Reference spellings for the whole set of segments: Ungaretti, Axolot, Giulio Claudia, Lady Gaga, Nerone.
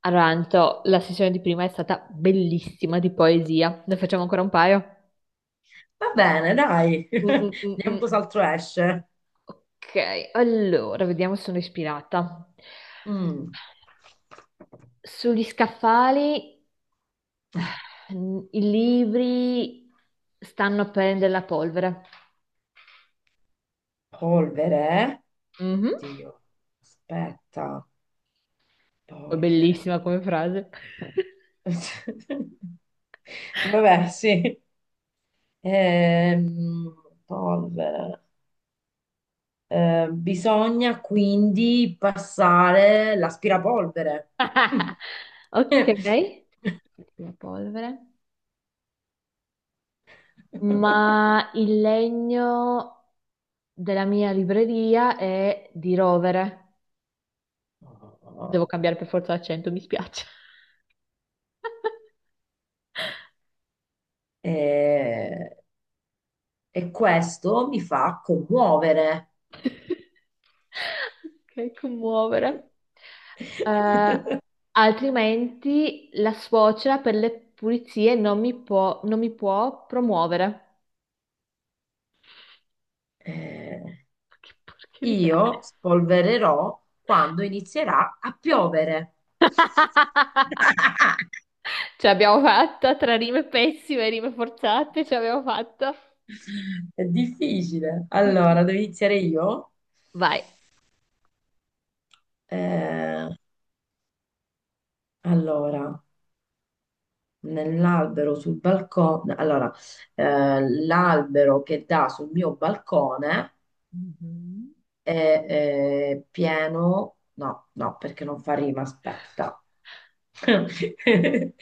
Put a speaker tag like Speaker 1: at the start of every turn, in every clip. Speaker 1: Allora, Anto, la sessione di prima è stata bellissima di poesia. Ne facciamo ancora un paio?
Speaker 2: Va bene, dai.
Speaker 1: Mm, mm, mm,
Speaker 2: Vediamo
Speaker 1: mm.
Speaker 2: cos'altro esce.
Speaker 1: Ok, allora, vediamo se sono ispirata.
Speaker 2: Mm.
Speaker 1: Sugli scaffali, i libri stanno a prendere la polvere.
Speaker 2: Polvere.
Speaker 1: Mhm.
Speaker 2: Oddio. Aspetta.
Speaker 1: Poi
Speaker 2: Polvere.
Speaker 1: bellissima come frase.
Speaker 2: Polvere. Vabbè, sì. Ehm, polvere. Bisogna quindi passare l'aspirapolvere. Mm.
Speaker 1: Ok. La polvere. Ma il legno della mia libreria è di rovere. Devo cambiare per forza l'accento, mi spiace.
Speaker 2: Eh, E questo mi fa commuovere.
Speaker 1: Ok, commuovere. Eh, Altrimenti la suocera per le pulizie non mi può, non mi può promuovere.
Speaker 2: Eh,
Speaker 1: Che porcheria
Speaker 2: io
Speaker 1: è?
Speaker 2: spolvererò quando inizierà a piovere.
Speaker 1: Ce l'abbiamo fatta tra rime pessime e rime forzate, ce l'abbiamo fatta.
Speaker 2: È difficile.
Speaker 1: Mm, mm.
Speaker 2: Allora, devo iniziare io?
Speaker 1: Vai.
Speaker 2: Eh, allora, nell'albero sul balcone. Allora, l'albero che dà sul mio balcone
Speaker 1: Mhm.
Speaker 2: è, pieno. No, no, perché non fa rima, aspetta.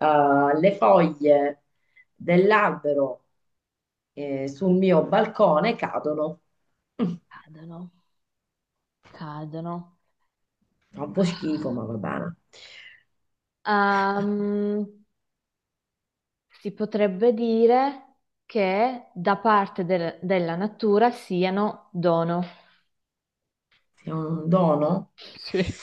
Speaker 2: Le foglie dell'albero sul mio balcone cadono. Mm,
Speaker 1: Cadono, cadono.
Speaker 2: fa un po' schifo, ma va bene.
Speaker 1: Ehm, si potrebbe dire che da parte del- della natura siano dono.
Speaker 2: Se è un dono,
Speaker 1: Sì.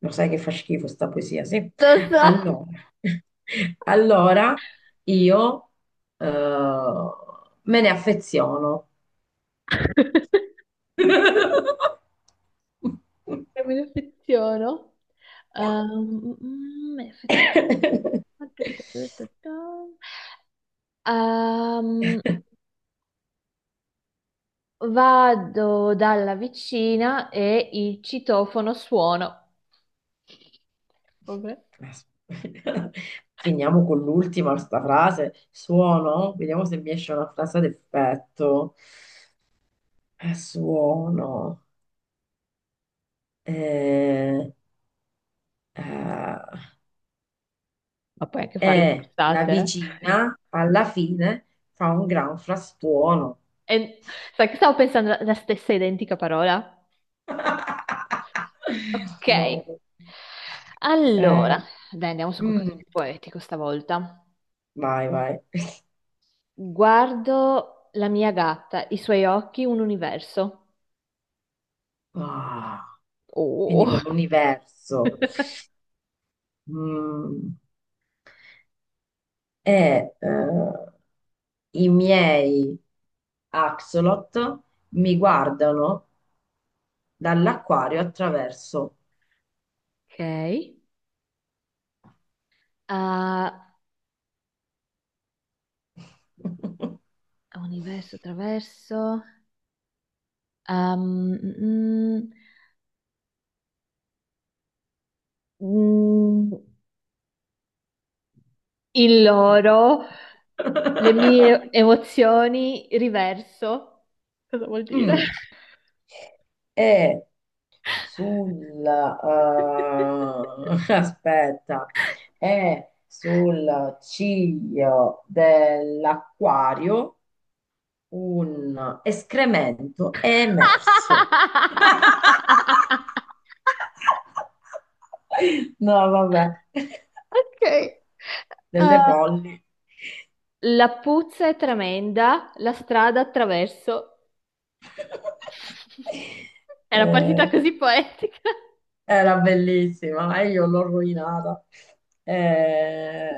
Speaker 2: lo sai che fa schifo sta poesia, sì?
Speaker 1: Lo so,
Speaker 2: Allora, allora io, eh, me ne affeziono.
Speaker 1: che me ne affeziono. Me ne affeziono. Ehm, Vado dalla vicina e il citofono suono. Vabbè.
Speaker 2: Aspetta. Finiamo con l'ultima, sta frase. Suono, vediamo se mi esce una frase d'effetto. A suono, eh, eh,
Speaker 1: Ma puoi anche farle
Speaker 2: e la
Speaker 1: forzate.
Speaker 2: vicina alla fine fa un gran frastuono.
Speaker 1: E sai che stavo pensando la stessa identica parola? Ok.
Speaker 2: No.
Speaker 1: Allora,
Speaker 2: Eh,
Speaker 1: dai, andiamo su qualcosa
Speaker 2: mm,
Speaker 1: di poetico stavolta.
Speaker 2: vai, vai.
Speaker 1: Guardo la mia gatta, i suoi occhi, un universo.
Speaker 2: Ah, quindi
Speaker 1: Oh.
Speaker 2: con l'universo. Mm, e i miei axolot mi guardano dall'acquario attraverso.
Speaker 1: Ok. Ah, universo attraverso. Um, mm, mm, Mm, Il loro. Le mie emozioni riverso. Cosa vuol dire?
Speaker 2: Mm. E sulla, aspetta, è sul ciglio dell'acquario un escremento è emerso. No, vabbè,
Speaker 1: Ok.
Speaker 2: delle folli.
Speaker 1: La puzza è tremenda, la strada attraverso. È una partita
Speaker 2: Eh.
Speaker 1: così poetica.
Speaker 2: Era bellissima e io l'ho rovinata. Eh,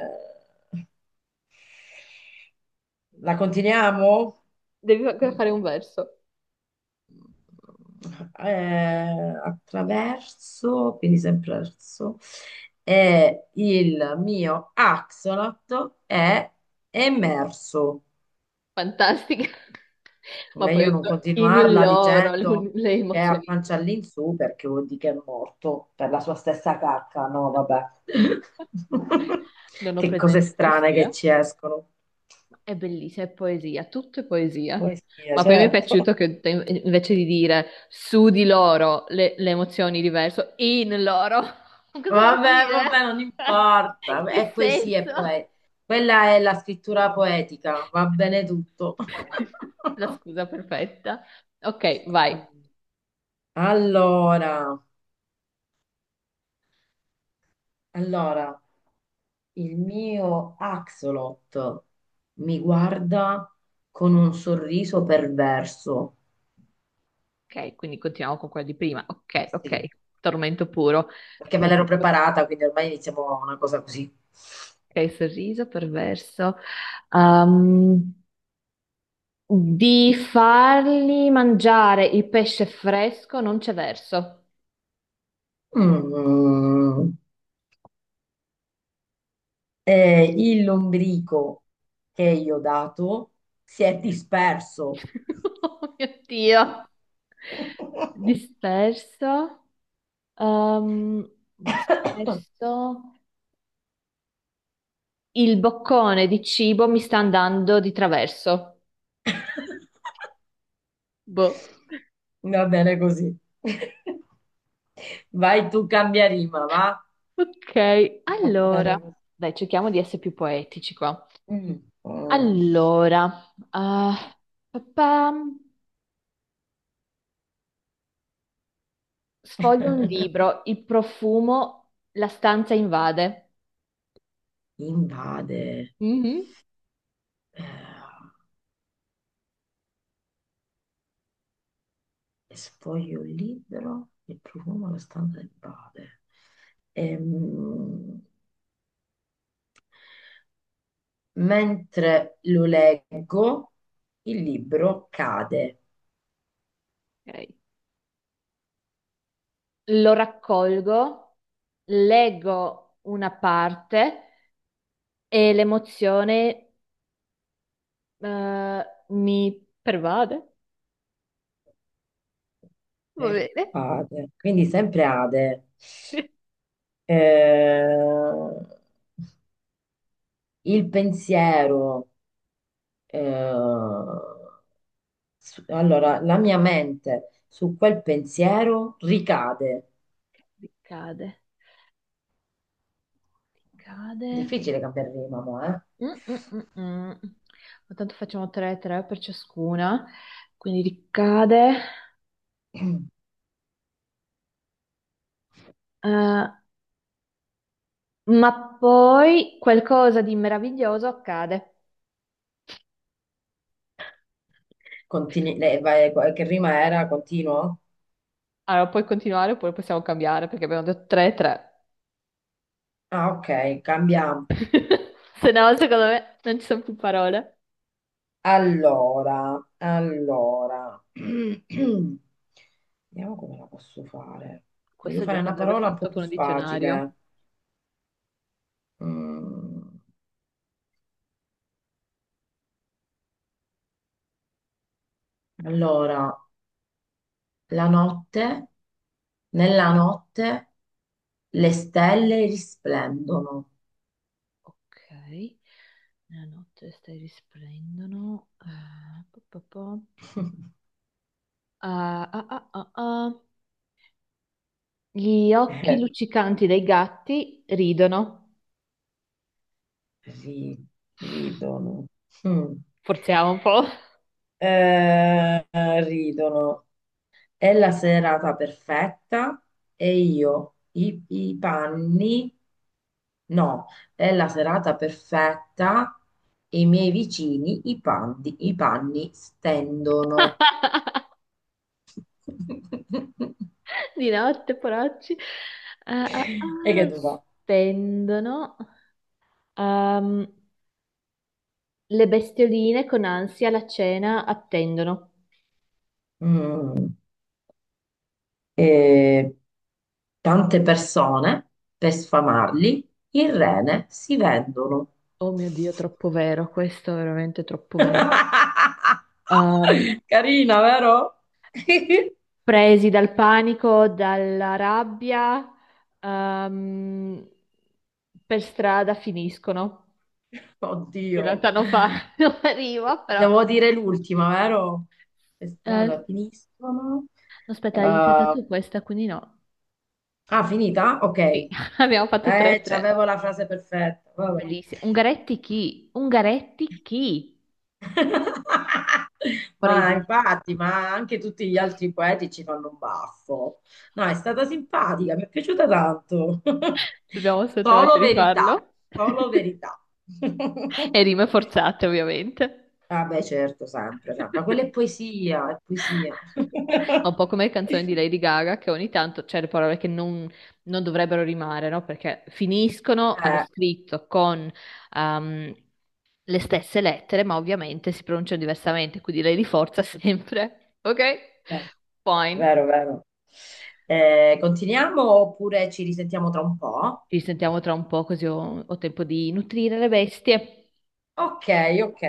Speaker 2: La continuiamo?
Speaker 1: Devi ancora fare un verso.
Speaker 2: Attraverso, quindi sempre verso, e il mio axolotl è emerso.
Speaker 1: Fantastica. Ma
Speaker 2: Meglio
Speaker 1: poi
Speaker 2: non
Speaker 1: in
Speaker 2: continuarla
Speaker 1: loro
Speaker 2: dicendo
Speaker 1: le
Speaker 2: che è a
Speaker 1: emozioni.
Speaker 2: pancia all'insù perché vuol dire che è morto per la sua stessa cacca. No, vabbè.
Speaker 1: Non ho
Speaker 2: Che cose
Speaker 1: presente come
Speaker 2: strane che
Speaker 1: sia.
Speaker 2: ci escono.
Speaker 1: È bellissima, è poesia, tutto è poesia.
Speaker 2: Poesia,
Speaker 1: Ma poi mi è
Speaker 2: certo.
Speaker 1: piaciuto che te- invece di dire su di loro le emozioni diverse, in loro. Ma cosa vuol
Speaker 2: Vabbè,
Speaker 1: dire?
Speaker 2: vabbè, non importa.
Speaker 1: Che
Speaker 2: È poesia, è
Speaker 1: senso?
Speaker 2: poe- Quella è la scrittura poetica, va bene tutto.
Speaker 1: La scusa perfetta. Ok, vai.
Speaker 2: Allora, allora. Il mio Axolot mi guarda con un sorriso perverso.
Speaker 1: Ok, quindi continuiamo con quella di prima. Ok, ok.
Speaker 2: Sì,
Speaker 1: Tormento puro.
Speaker 2: perché me l'ero preparata, quindi ormai iniziamo a una cosa così.
Speaker 1: Ok, sorriso perverso. Ehm, di fargli mangiare il pesce fresco non c'è verso.
Speaker 2: Mm. Il lombrico che io ho dato si è disperso.
Speaker 1: Oh mio Dio. Disperso. ehm, disperso. Il boccone di cibo mi sta andando di traverso. Boh.
Speaker 2: Va bene così. Vai tu, cambia rima, va?
Speaker 1: Ok,
Speaker 2: Va
Speaker 1: allora.
Speaker 2: bene così.
Speaker 1: Dai, cerchiamo di essere più poetici qua.
Speaker 2: Mm. Mm.
Speaker 1: Allora, ah, papà. Sfoglio un libro, il profumo, la stanza invade.
Speaker 2: Invade.
Speaker 1: Mhm.
Speaker 2: Eh, e sfoglio il libro e profumo la stanza del padre. Ehm, Mentre lo leggo, il libro cade
Speaker 1: Ok. Lo raccolgo, leggo una parte e l'emozione mi pervade. Va
Speaker 2: per
Speaker 1: bene.
Speaker 2: padre, quindi sempre Ade. Eh, il pensiero, eh, su- allora la mia mente su quel pensiero ricade.
Speaker 1: Cade, cade.
Speaker 2: Difficile cambiare rima, mo, eh?
Speaker 1: Mm, mm, mm, mm. Ma tanto facciamo 3-3 per ciascuna, quindi ricade. Eh, ma poi qualcosa di meraviglioso accade.
Speaker 2: Continui- lei vai- che rima era? Continuo?
Speaker 1: Allora, puoi continuare oppure possiamo cambiare perché abbiamo detto 3-3.
Speaker 2: Ah, ok, cambiamo.
Speaker 1: Se no, secondo me non ci sono più parole.
Speaker 2: Allora, allora. Vediamo come la posso fare. Voglio
Speaker 1: Questo
Speaker 2: fare
Speaker 1: gioco
Speaker 2: una
Speaker 1: andrebbe
Speaker 2: parola un po'
Speaker 1: fatto
Speaker 2: più
Speaker 1: con un
Speaker 2: facile.
Speaker 1: dizionario.
Speaker 2: Mm, allora, la notte, nella notte le stelle risplendono.
Speaker 1: Ok, nella notte stai risplendono. Eh, po- po- po. Ah, ah, ah, ah, ah. Gli occhi
Speaker 2: Eh,
Speaker 1: luccicanti dei gatti ridono.
Speaker 2: ri- ridono. Mm.
Speaker 1: Forziamo un po'.
Speaker 2: Eh, ridono. È la serata perfetta e io i panni. No, è la serata perfetta e i miei vicini i panni stendono.
Speaker 1: Di notte, poracci. Ah, ah,
Speaker 2: E che
Speaker 1: ah,
Speaker 2: tu fa?
Speaker 1: spendono. Ehm, Le bestioline con ansia la cena attendono.
Speaker 2: Mm, eh, tante persone per sfamarli, il rene si vendono.
Speaker 1: Oh mio Dio, troppo vero, questo è veramente troppo vero. Ehm,
Speaker 2: Carina, vero?
Speaker 1: Presi dal panico, dalla rabbia, ehm, per strada finiscono. In
Speaker 2: Oddio.
Speaker 1: realtà non fa, non arrivo, però.
Speaker 2: Devo dire l'ultima, vero? Le strade
Speaker 1: No,
Speaker 2: finiscono.
Speaker 1: aspetta, hai iniziata
Speaker 2: Ah,
Speaker 1: tu questa, quindi no.
Speaker 2: finita? Ok.
Speaker 1: Sì, abbiamo fatto 3-3.
Speaker 2: C'avevo la frase perfetta. Vabbè.
Speaker 1: Bellissimo. Ungaretti chi? Ungaretti chi? Vorrei
Speaker 2: Ma
Speaker 1: dire.
Speaker 2: infatti, ma anche tutti gli altri poeti ci fanno un baffo. No, è stata simpatica, mi è piaciuta tanto.
Speaker 1: Dobbiamo assolutamente
Speaker 2: Solo verità,
Speaker 1: rifarlo.
Speaker 2: solo verità.
Speaker 1: E rime forzate, ovviamente.
Speaker 2: Vabbè, certo, sempre, sempre. Ma quella è poesia, è poesia.
Speaker 1: Ma un po' come le canzoni di Lady Gaga, che ogni tanto c'è le parole che non, non dovrebbero rimare, no? Perché finiscono allo
Speaker 2: Eh,
Speaker 1: scritto con ehm, le stesse lettere, ma ovviamente si pronunciano diversamente, quindi lei li forza sempre. Ok?
Speaker 2: eh,
Speaker 1: Fine.
Speaker 2: Vero, vero. Continuiamo oppure ci risentiamo tra un po'?
Speaker 1: Ci sentiamo tra un po', così ho tempo di nutrire le bestie.
Speaker 2: Ok, ok.